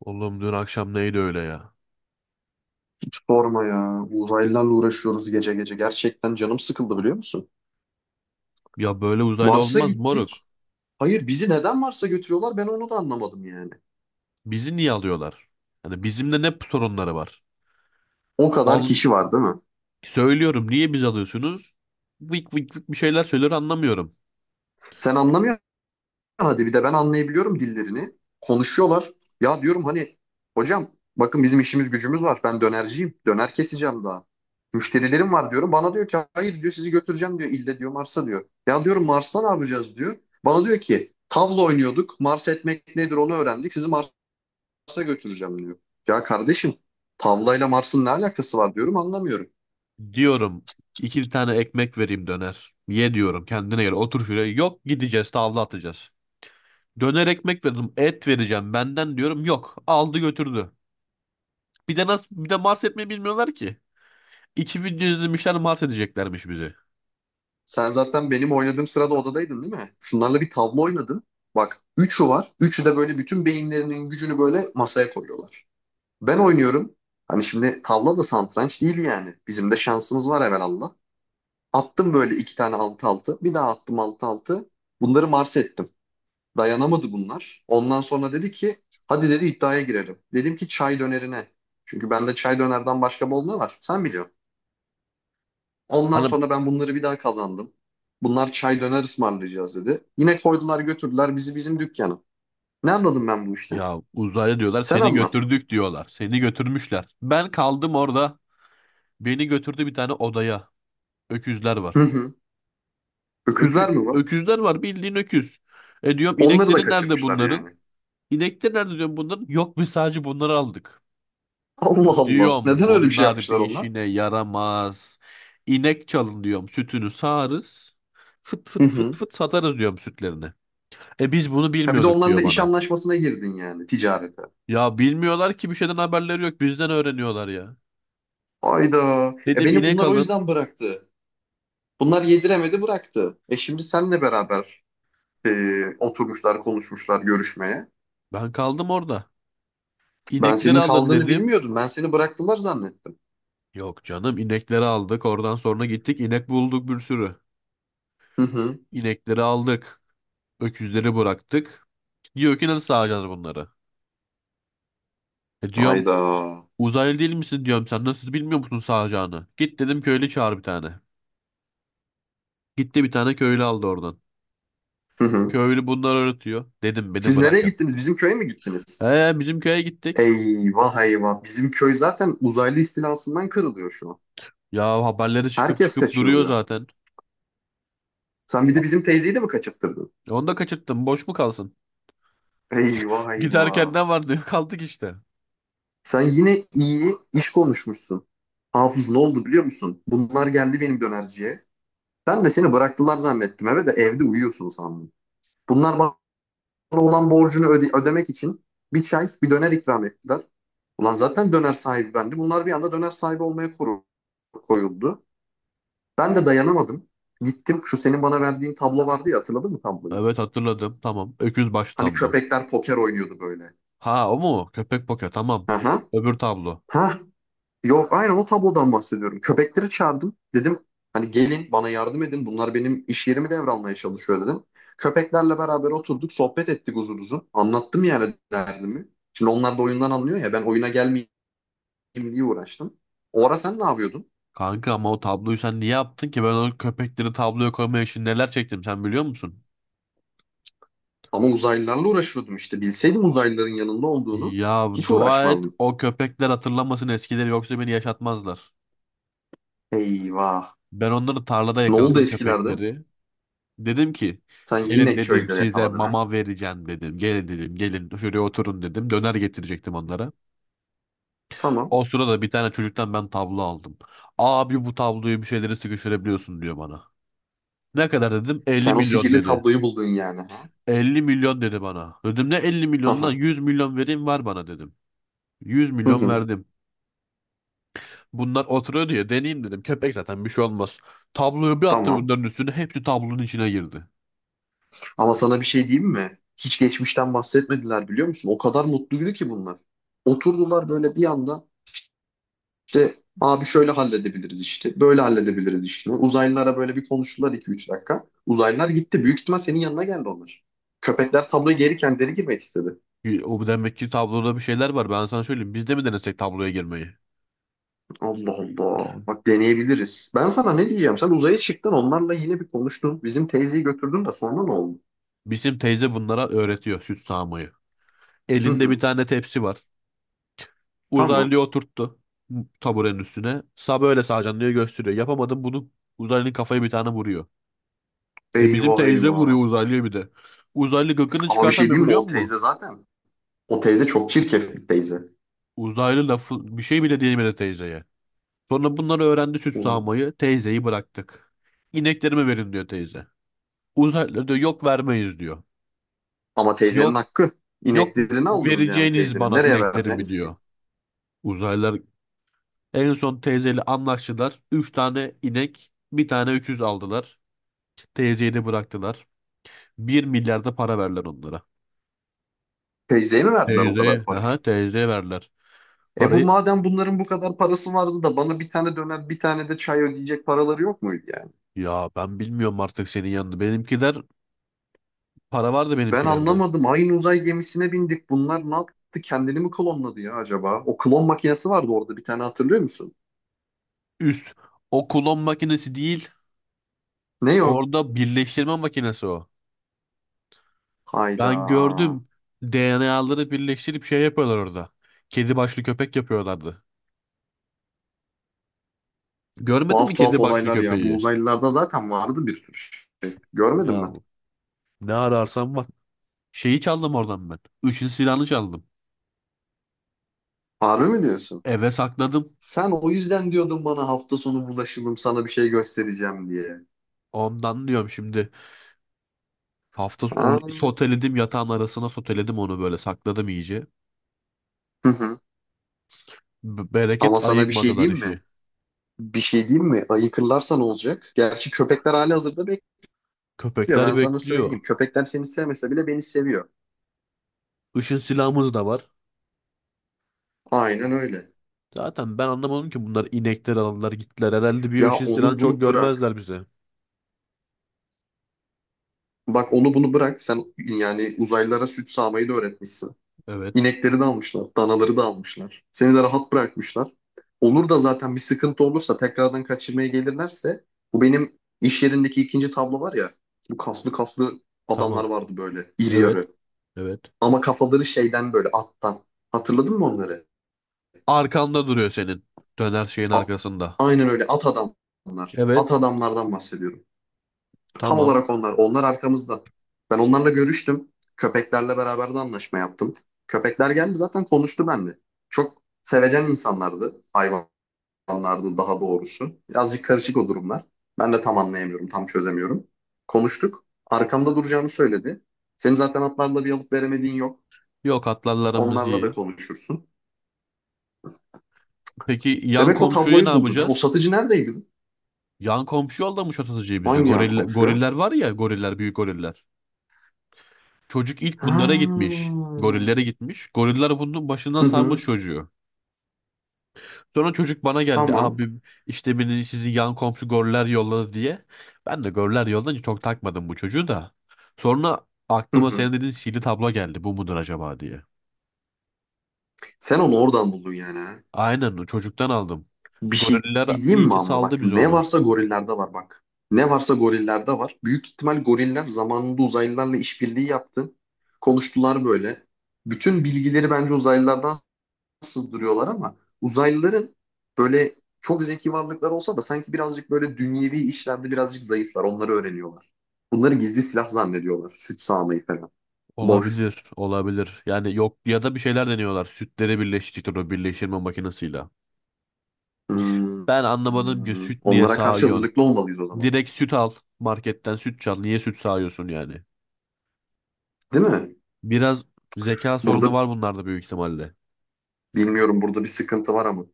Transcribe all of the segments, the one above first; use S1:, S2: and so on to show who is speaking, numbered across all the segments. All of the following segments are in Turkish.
S1: Oğlum dün akşam neydi öyle ya?
S2: Sorma ya. Uzaylılarla uğraşıyoruz gece gece. Gerçekten canım sıkıldı biliyor musun?
S1: Ya böyle uzaylı
S2: Mars'a
S1: olmaz moruk.
S2: gittik. Hayır bizi neden Mars'a götürüyorlar ben onu da anlamadım yani.
S1: Bizi niye alıyorlar? Hani bizimle ne sorunları var?
S2: O kadar
S1: Al,
S2: kişi var değil mi?
S1: söylüyorum niye biz alıyorsunuz? Vık vık vık bir şeyler söylüyor, anlamıyorum.
S2: Sen anlamıyorsun hadi bir de ben anlayabiliyorum dillerini. Konuşuyorlar. Ya diyorum hani hocam bakın bizim işimiz gücümüz var. Ben dönerciyim. Döner keseceğim daha. Müşterilerim var diyorum. Bana diyor ki hayır diyor sizi götüreceğim diyor. İlle diyor Mars'a diyor. Ya diyorum Mars'ta ne yapacağız diyor. Bana diyor ki tavla oynuyorduk. Mars etmek nedir onu öğrendik. Sizi Mars'a götüreceğim diyor. Ya kardeşim tavlayla Mars'ın ne alakası var diyorum anlamıyorum.
S1: Diyorum iki tane ekmek vereyim döner. Ye diyorum, kendine gel, otur şuraya. Yok, gideceğiz tavla atacağız. Döner ekmek verdim, et vereceğim benden, diyorum yok, aldı götürdü. Bir de nasıl, bir de Mars etmeyi bilmiyorlar ki. İki video izlemişler, mat edeceklermiş bizi.
S2: Sen zaten benim oynadığım sırada odadaydın değil mi? Şunlarla bir tavla oynadın. Bak üçü var. Üçü de böyle bütün beyinlerinin gücünü böyle masaya koyuyorlar. Ben oynuyorum. Hani şimdi tavla da satranç değil yani. Bizim de şansımız var evelallah. Attım böyle iki tane altı altı. Bir daha attım altı altı. Bunları Mars ettim. Dayanamadı bunlar. Ondan sonra dedi ki hadi dedi iddiaya girelim. Dedim ki çay dönerine. Çünkü bende çay dönerden başka bol ne var? Sen biliyorsun. Ondan
S1: Hani
S2: sonra ben bunları bir daha kazandım. Bunlar çay döner ısmarlayacağız dedi. Yine koydular götürdüler bizi bizim dükkana. Ne anladım ben bu işten?
S1: ya, uzaylı diyorlar,
S2: Sen
S1: seni
S2: anlat.
S1: götürdük diyorlar. Seni götürmüşler. Ben kaldım orada. Beni götürdü bir tane odaya. Öküzler
S2: Hı
S1: var.
S2: hı. Öküzler mi var?
S1: Öküzler var, bildiğin öküz. E diyorum,
S2: Onları da
S1: inekleri nerede
S2: kaçırmışlar
S1: bunların?
S2: yani.
S1: İnekleri nerede diyorum bunların? Yok, biz sadece bunları aldık.
S2: Allah Allah.
S1: Diyorum
S2: Neden öyle bir şey
S1: bunlar bir
S2: yapmışlar onlar?
S1: işine yaramaz. İnek çalın diyorum, sütünü sağarız. Fıt
S2: Hı
S1: fıt fıt
S2: hı.
S1: fıt satarız diyorum sütlerini. E biz bunu
S2: Ha bir de
S1: bilmiyorduk
S2: onlarla
S1: diyor
S2: iş
S1: bana.
S2: anlaşmasına girdin yani ticarete.
S1: Ya bilmiyorlar ki, bir şeyden haberleri yok, bizden öğreniyorlar ya.
S2: Hayda. E
S1: Dedim
S2: beni
S1: inek
S2: bunlar o
S1: alın.
S2: yüzden bıraktı. Bunlar yediremedi bıraktı. E şimdi senle beraber e, oturmuşlar, konuşmuşlar görüşmeye.
S1: Ben kaldım orada.
S2: Ben
S1: İnekleri
S2: senin
S1: alın
S2: kaldığını
S1: dedim.
S2: bilmiyordum. Ben seni bıraktılar zannettim.
S1: Yok canım, inekleri aldık. Oradan sonra gittik, inek bulduk bir sürü.
S2: Hı hı.
S1: İnekleri aldık. Öküzleri bıraktık. Diyor ki nasıl sağacağız bunları? E diyorum,
S2: Hayda.
S1: uzaylı değil misin diyorum, sen nasıl bilmiyor musun sağacağını? Git dedim, köylü çağır bir tane. Gitti bir tane köylü aldı oradan.
S2: Hı hı.
S1: Köylü bunları öğretiyor. Dedim beni
S2: Siz nereye
S1: bırakın.
S2: gittiniz? Bizim köye mi
S1: He,
S2: gittiniz?
S1: bizim köye gittik.
S2: Eyvah eyvah. Bizim köy zaten uzaylı istilasından kırılıyor şu an.
S1: Ya haberleri çıkıp
S2: Herkes
S1: çıkıp duruyor
S2: kaçırılıyor.
S1: zaten.
S2: Sen bir de bizim teyzeyi de mi kaçırttırdın?
S1: Onu da kaçırttım, boş mu kalsın?
S2: Eyvah eyvah.
S1: Giderken ne var diyor kaldık işte.
S2: Sen yine iyi iş konuşmuşsun. Hafız ne oldu biliyor musun? Bunlar geldi benim dönerciye. Ben de seni bıraktılar zannettim eve de evde uyuyorsun sandım. Bunlar bana olan borcunu ödemek için bir çay, bir döner ikram ettiler. Ulan zaten döner sahibi bendim. Bunlar bir anda döner sahibi olmaya koyuldu. Ben de dayanamadım. Gittim şu senin bana verdiğin tablo vardı ya hatırladın mı tabloyu?
S1: Evet hatırladım, tamam. Öküz baş
S2: Hani
S1: tablo.
S2: köpekler poker oynuyordu böyle.
S1: Ha, o mu? Köpek poke, tamam.
S2: Aha.
S1: Öbür tablo.
S2: Ha. Yok aynen o tablodan bahsediyorum. Köpekleri çağırdım. Dedim hani gelin bana yardım edin. Bunlar benim iş yerimi devralmaya çalışıyor dedim. Köpeklerle beraber oturduk sohbet ettik uzun uzun. Anlattım yani derdimi. Şimdi onlar da oyundan anlıyor ya ben oyuna gelmeyeyim diye uğraştım. O ara sen ne yapıyordun?
S1: Kanka ama o tabloyu sen niye yaptın ki? Ben o köpekleri tabloya koymaya için neler çektim, sen biliyor musun?
S2: Ama uzaylılarla uğraşıyordum işte. Bilseydim uzaylıların yanında olduğunu
S1: Ya
S2: hiç
S1: dua et
S2: uğraşmazdım.
S1: o köpekler hatırlamasın eskileri, yoksa beni yaşatmazlar.
S2: Eyvah.
S1: Ben onları tarlada
S2: Ne oldu
S1: yakaladım,
S2: eskilerde?
S1: köpekleri. Dedim ki
S2: Sen
S1: gelin
S2: yine
S1: dedim,
S2: köyde
S1: size
S2: yakaladın ha.
S1: mama vereceğim dedim. Gelin dedim, gelin şuraya oturun dedim. Döner getirecektim onlara.
S2: Tamam.
S1: O sırada bir tane çocuktan ben tablo aldım. Abi bu tabloyu bir şeyleri sıkıştırabiliyorsun diyor bana. Ne kadar dedim, 50
S2: Sen o
S1: milyon
S2: sihirli
S1: dedi.
S2: tabloyu buldun yani ha.
S1: 50 milyon dedi bana. Dedim ne 50 milyonundan, 100 milyon vereyim var, bana dedim. 100
S2: Hı
S1: milyon
S2: hı.
S1: verdim. Bunlar oturuyor diye deneyeyim dedim. Köpek zaten bir şey olmaz. Tabloyu bir attı
S2: Tamam.
S1: bunların üstüne. Hepsi tablonun içine girdi.
S2: Ama sana bir şey diyeyim mi? Hiç geçmişten bahsetmediler biliyor musun? O kadar mutluydu ki bunlar. Oturdular böyle bir anda işte abi şöyle halledebiliriz işte. Böyle halledebiliriz işte. Uzaylılara böyle bir konuştular iki üç dakika. Uzaylılar gitti. Büyük ihtimal senin yanına geldi onlar. Köpekler tabloya geri kendileri girmek istedi.
S1: O demek ki tabloda bir şeyler var. Ben sana söyleyeyim. Biz de mi denesek tabloya girmeyi?
S2: Allah Allah. Bak deneyebiliriz. Ben sana ne diyeceğim? Sen uzaya çıktın onlarla yine bir konuştun. Bizim teyzeyi götürdün de sonra ne oldu?
S1: Bizim teyze bunlara öğretiyor süt sağmayı.
S2: Hı
S1: Elinde bir
S2: hı.
S1: tane tepsi var.
S2: Tamam.
S1: Uzaylıyı oturttu taburenin üstüne. Sağ, böyle sağacaksın diye gösteriyor. Yapamadım bunu. Uzaylının kafayı bir tane vuruyor. De bizim
S2: Eyvah
S1: teyze
S2: eyvah.
S1: vuruyor uzaylıya bir de. Uzaylı gıkını
S2: Ama bir şey
S1: çıkartamıyor
S2: diyeyim mi?
S1: biliyor musun?
S2: O teyze çok çirkef bir teyze.
S1: Uzaylı lafı bir şey bile diyemedi teyzeye. Sonra bunları öğrendi süt
S2: O-
S1: sağmayı. Teyzeyi bıraktık. İneklerimi verin diyor teyze. Uzaylı diyor yok, vermeyiz diyor.
S2: Ama teyzenin
S1: Yok,
S2: hakkı.
S1: yok,
S2: İneklerini aldınız yani
S1: vereceğiniz
S2: teyzenin.
S1: bana
S2: Nereye
S1: ineklerimi
S2: vereceğiniz ki?
S1: diyor. Uzaylılar en son teyzeyle anlaştılar. Üç tane inek, bir tane öküz aldılar. Teyzeyi de bıraktılar. Bir milyarda para verler onlara.
S2: Teyzeye mi verdiler o kadar
S1: Teyzeye, aha
S2: parayı?
S1: teyzeye verler.
S2: E bu
S1: Parayı.
S2: madem bunların bu kadar parası vardı da bana bir tane döner bir tane de çay ödeyecek paraları yok muydu yani?
S1: Ya ben bilmiyorum artık, senin yanında. Benimkiler, para vardı
S2: Ben
S1: benimkilerde.
S2: anlamadım. Aynı uzay gemisine bindik. Bunlar ne yaptı? Kendini mi klonladı ya acaba? O klon makinesi vardı orada bir tane hatırlıyor musun?
S1: Üst. O klon makinesi değil.
S2: Ne o?
S1: Orada birleştirme makinesi o.
S2: Hayda.
S1: Ben gördüm. DNA'ları birleştirip şey yapıyorlar orada. Kedi başlı köpek yapıyorlardı. Görmedin
S2: Tuhaf
S1: mi
S2: tuhaf
S1: kedi başlı
S2: olaylar ya. Bu
S1: köpeği?
S2: uzaylılarda zaten vardı bir tür. Görmedim
S1: Ya
S2: ben.
S1: ne ararsan var. Şeyi çaldım oradan ben. Üçün silahını çaldım.
S2: Harbi mi diyorsun?
S1: Eve sakladım.
S2: Sen o yüzden diyordun bana hafta sonu bulaşalım sana bir şey göstereceğim diye.
S1: Ondan diyorum şimdi. Onu
S2: Aa.
S1: soteledim, yatağın arasına soteledim onu, böyle sakladım iyice.
S2: Hı hı. Ama
S1: Bereket
S2: sana bir şey
S1: ayıkmadılar
S2: diyeyim
S1: işi.
S2: mi? Bir şey diyeyim mi? Ayıkırlarsa ne olacak? Gerçi köpekler hali hazırda bekliyor.
S1: Köpekler
S2: Ben sana
S1: bekliyor.
S2: söyleyeyim. Köpekler seni sevmese bile beni seviyor.
S1: Işın silahımız da var.
S2: Aynen öyle.
S1: Zaten ben anlamadım ki bunlar, inekler aldılar gittiler. Herhalde bir
S2: Ya
S1: ışın silahını
S2: onu
S1: çok
S2: bunu bırak.
S1: görmezler bize.
S2: Bak onu bunu bırak. Sen yani uzaylılara süt sağmayı da öğretmişsin.
S1: Evet.
S2: İnekleri de almışlar, danaları da almışlar. Seni de rahat bırakmışlar. Olur da zaten bir sıkıntı olursa tekrardan kaçırmaya gelirlerse bu benim iş yerindeki ikinci tablo var ya bu kaslı kaslı adamlar
S1: Tamam.
S2: vardı böyle iri
S1: Evet.
S2: yarı.
S1: Evet.
S2: Ama kafaları şeyden böyle attan. Hatırladın mı onları?
S1: Arkanda duruyor senin. Döner şeyin
S2: A-
S1: arkasında.
S2: Aynen öyle at adamlar. At
S1: Evet.
S2: adamlardan bahsediyorum. Tam
S1: Tamam.
S2: olarak onlar. Onlar arkamızda. Ben onlarla görüştüm. Köpeklerle beraber de anlaşma yaptım. Köpekler geldi zaten konuştu benimle. Çok sevecen insanlardı hayvan anlardı daha doğrusu. Birazcık karışık o durumlar. Ben de tam anlayamıyorum, tam çözemiyorum. Konuştuk. Arkamda duracağını söyledi. Senin zaten atlarla bir alıp veremediğin yok.
S1: Yok, atlarlarımız
S2: Onlarla da
S1: iyi.
S2: konuşursun.
S1: Peki yan
S2: Demek o
S1: komşuyu ne
S2: tabloyu buldu ne? O
S1: yapacağız?
S2: satıcı neredeydi?
S1: Yan komşu yollamış atıcıyı bize.
S2: Hangi yan
S1: Goriller,
S2: konuşuyor?
S1: goriller var ya, goriller, büyük goriller. Çocuk ilk
S2: Ha.
S1: bunlara gitmiş. Gorillere gitmiş. Goriller bunun başından
S2: Hı
S1: salmış
S2: hı.
S1: çocuğu. Sonra çocuk bana geldi.
S2: Tamam.
S1: Abi, işte beni sizin yan komşu goller yolladı diye. Ben de goller yollayınca çok takmadım bu çocuğu da. Sonra
S2: Hı
S1: aklıma
S2: hı.
S1: senin dediğin sihirli tablo geldi. Bu mudur acaba diye.
S2: Sen onu oradan buldun yani ha.
S1: Aynen o çocuktan aldım.
S2: Bir şey
S1: Goriller
S2: diyeyim
S1: iyi
S2: mi
S1: ki
S2: ama
S1: saldı
S2: bak
S1: biz
S2: ne
S1: onu.
S2: varsa gorillerde var bak. Ne varsa gorillerde var. Büyük ihtimal goriller zamanında uzaylılarla işbirliği yaptı. Konuştular böyle. Bütün bilgileri bence uzaylılardan sızdırıyorlar ama uzaylıların böyle çok zeki varlıklar olsa da sanki birazcık böyle dünyevi işlerde birazcık zayıflar. Onları öğreniyorlar. Bunları gizli silah zannediyorlar. Süt sağmayı falan. Boş.
S1: Olabilir, olabilir. Yani yok, ya da bir şeyler deniyorlar. Sütleri birleştirecektir o birleştirme makinesiyle.
S2: Hmm,
S1: Ben anlamadım ki
S2: hmm.
S1: süt niye
S2: Onlara karşı
S1: sağıyorsun?
S2: hazırlıklı olmalıyız o zaman.
S1: Direkt süt al, marketten süt çal. Niye süt sağıyorsun yani?
S2: Değil mi?
S1: Biraz zeka sorunu
S2: Burada
S1: var bunlarda büyük ihtimalle.
S2: Bilmiyorum burada bir sıkıntı var ama.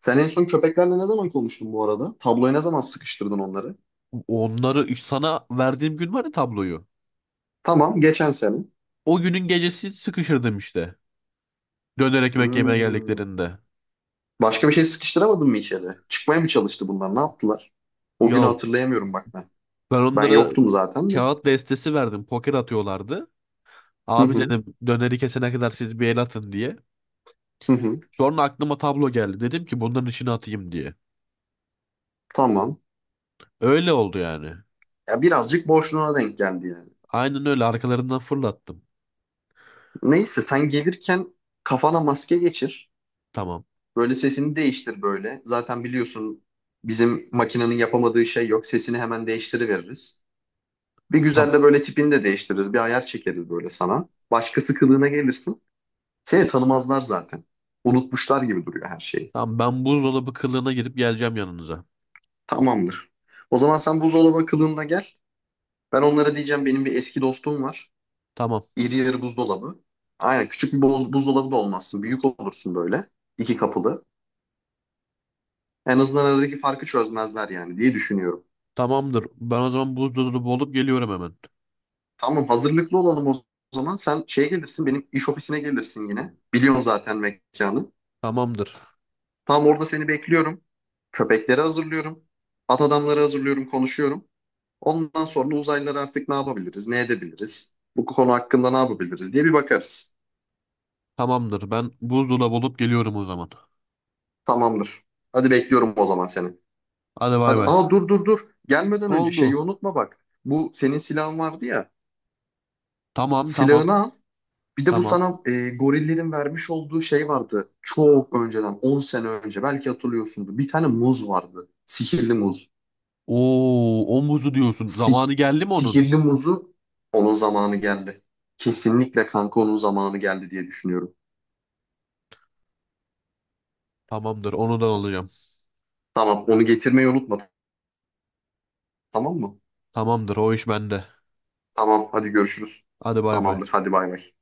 S2: Sen en son köpeklerle ne zaman konuştun bu arada? Tabloya ne zaman sıkıştırdın onları?
S1: Onları sana verdiğim gün var ya, tabloyu.
S2: Tamam, geçen sene.
S1: O günün gecesi sıkışırdım işte. Döner ekmek yemeye
S2: Hmm.
S1: geldiklerinde.
S2: Başka bir şey sıkıştıramadın mı içeri? Çıkmaya mı çalıştı bunlar? Ne yaptılar? O günü
S1: Ya
S2: hatırlayamıyorum bak ben.
S1: ben
S2: Ben
S1: onlara
S2: yoktum zaten de.
S1: kağıt destesi verdim. Poker atıyorlardı.
S2: Hı
S1: Abi
S2: hı,
S1: dedim, döneri kesene kadar siz bir el atın diye.
S2: hı hı.
S1: Sonra aklıma tablo geldi. Dedim ki bunların içine atayım diye.
S2: Tamam.
S1: Öyle oldu yani.
S2: Ya birazcık boşluğuna denk geldi yani.
S1: Aynen öyle, arkalarından fırlattım.
S2: Neyse sen gelirken kafana maske geçir.
S1: Tamam.
S2: Böyle sesini değiştir böyle. Zaten biliyorsun bizim makinenin yapamadığı şey yok. Sesini hemen değiştiriveririz. Bir
S1: Tam,
S2: güzel de böyle tipini de değiştiririz. Bir ayar çekeriz böyle sana. Başkası kılığına gelirsin. Seni tanımazlar zaten. Unutmuşlar gibi duruyor her şeyi.
S1: tamam ben buzdolabı kılığına girip geleceğim yanınıza.
S2: Tamamdır. O zaman sen buzdolabı kılığında gel. Ben onlara diyeceğim benim bir eski dostum var.
S1: Tamam.
S2: İri yarı buzdolabı. Aynen küçük bir buzdolabı da olmazsın. Büyük olursun böyle. İki kapılı. En azından aradaki farkı çözmezler yani diye düşünüyorum.
S1: Tamamdır. Ben o zaman buzdolabı olup geliyorum hemen.
S2: Tamam hazırlıklı olalım o zaman. Sen şeye gelirsin benim iş ofisine gelirsin yine. Biliyorsun zaten mekanı.
S1: Tamamdır.
S2: Tam orada seni bekliyorum. Köpekleri hazırlıyorum. At adamları hazırlıyorum, konuşuyorum. Ondan sonra uzaylıları artık ne yapabiliriz, ne edebiliriz? Bu konu hakkında ne yapabiliriz diye bir bakarız.
S1: Tamamdır. Ben buzdolabı olup geliyorum o zaman.
S2: Tamamdır. Hadi bekliyorum o zaman seni.
S1: Hadi bay
S2: Hadi,
S1: bay.
S2: aa dur dur dur. Gelmeden önce şeyi
S1: Oldu.
S2: unutma bak. Bu senin silahın vardı ya.
S1: Tamam, tamam.
S2: Silahını al. Bir de bu
S1: Tamam.
S2: sana gorillerin vermiş olduğu şey vardı. Çok önceden, 10 sene önce belki hatırlıyorsundur. Bir tane muz vardı. Sihirli muz.
S1: Oo, o muzu diyorsun.
S2: Si
S1: Zamanı geldi mi onun?
S2: sihirli muzu onun zamanı geldi. Kesinlikle kanka onun zamanı geldi diye düşünüyorum.
S1: Tamamdır. Onu da alacağım.
S2: Tamam onu getirmeyi unutma tamam mı?
S1: Tamamdır. O iş bende.
S2: Tamam hadi görüşürüz.
S1: Hadi bay bay.
S2: Tamamdır hadi bay bay.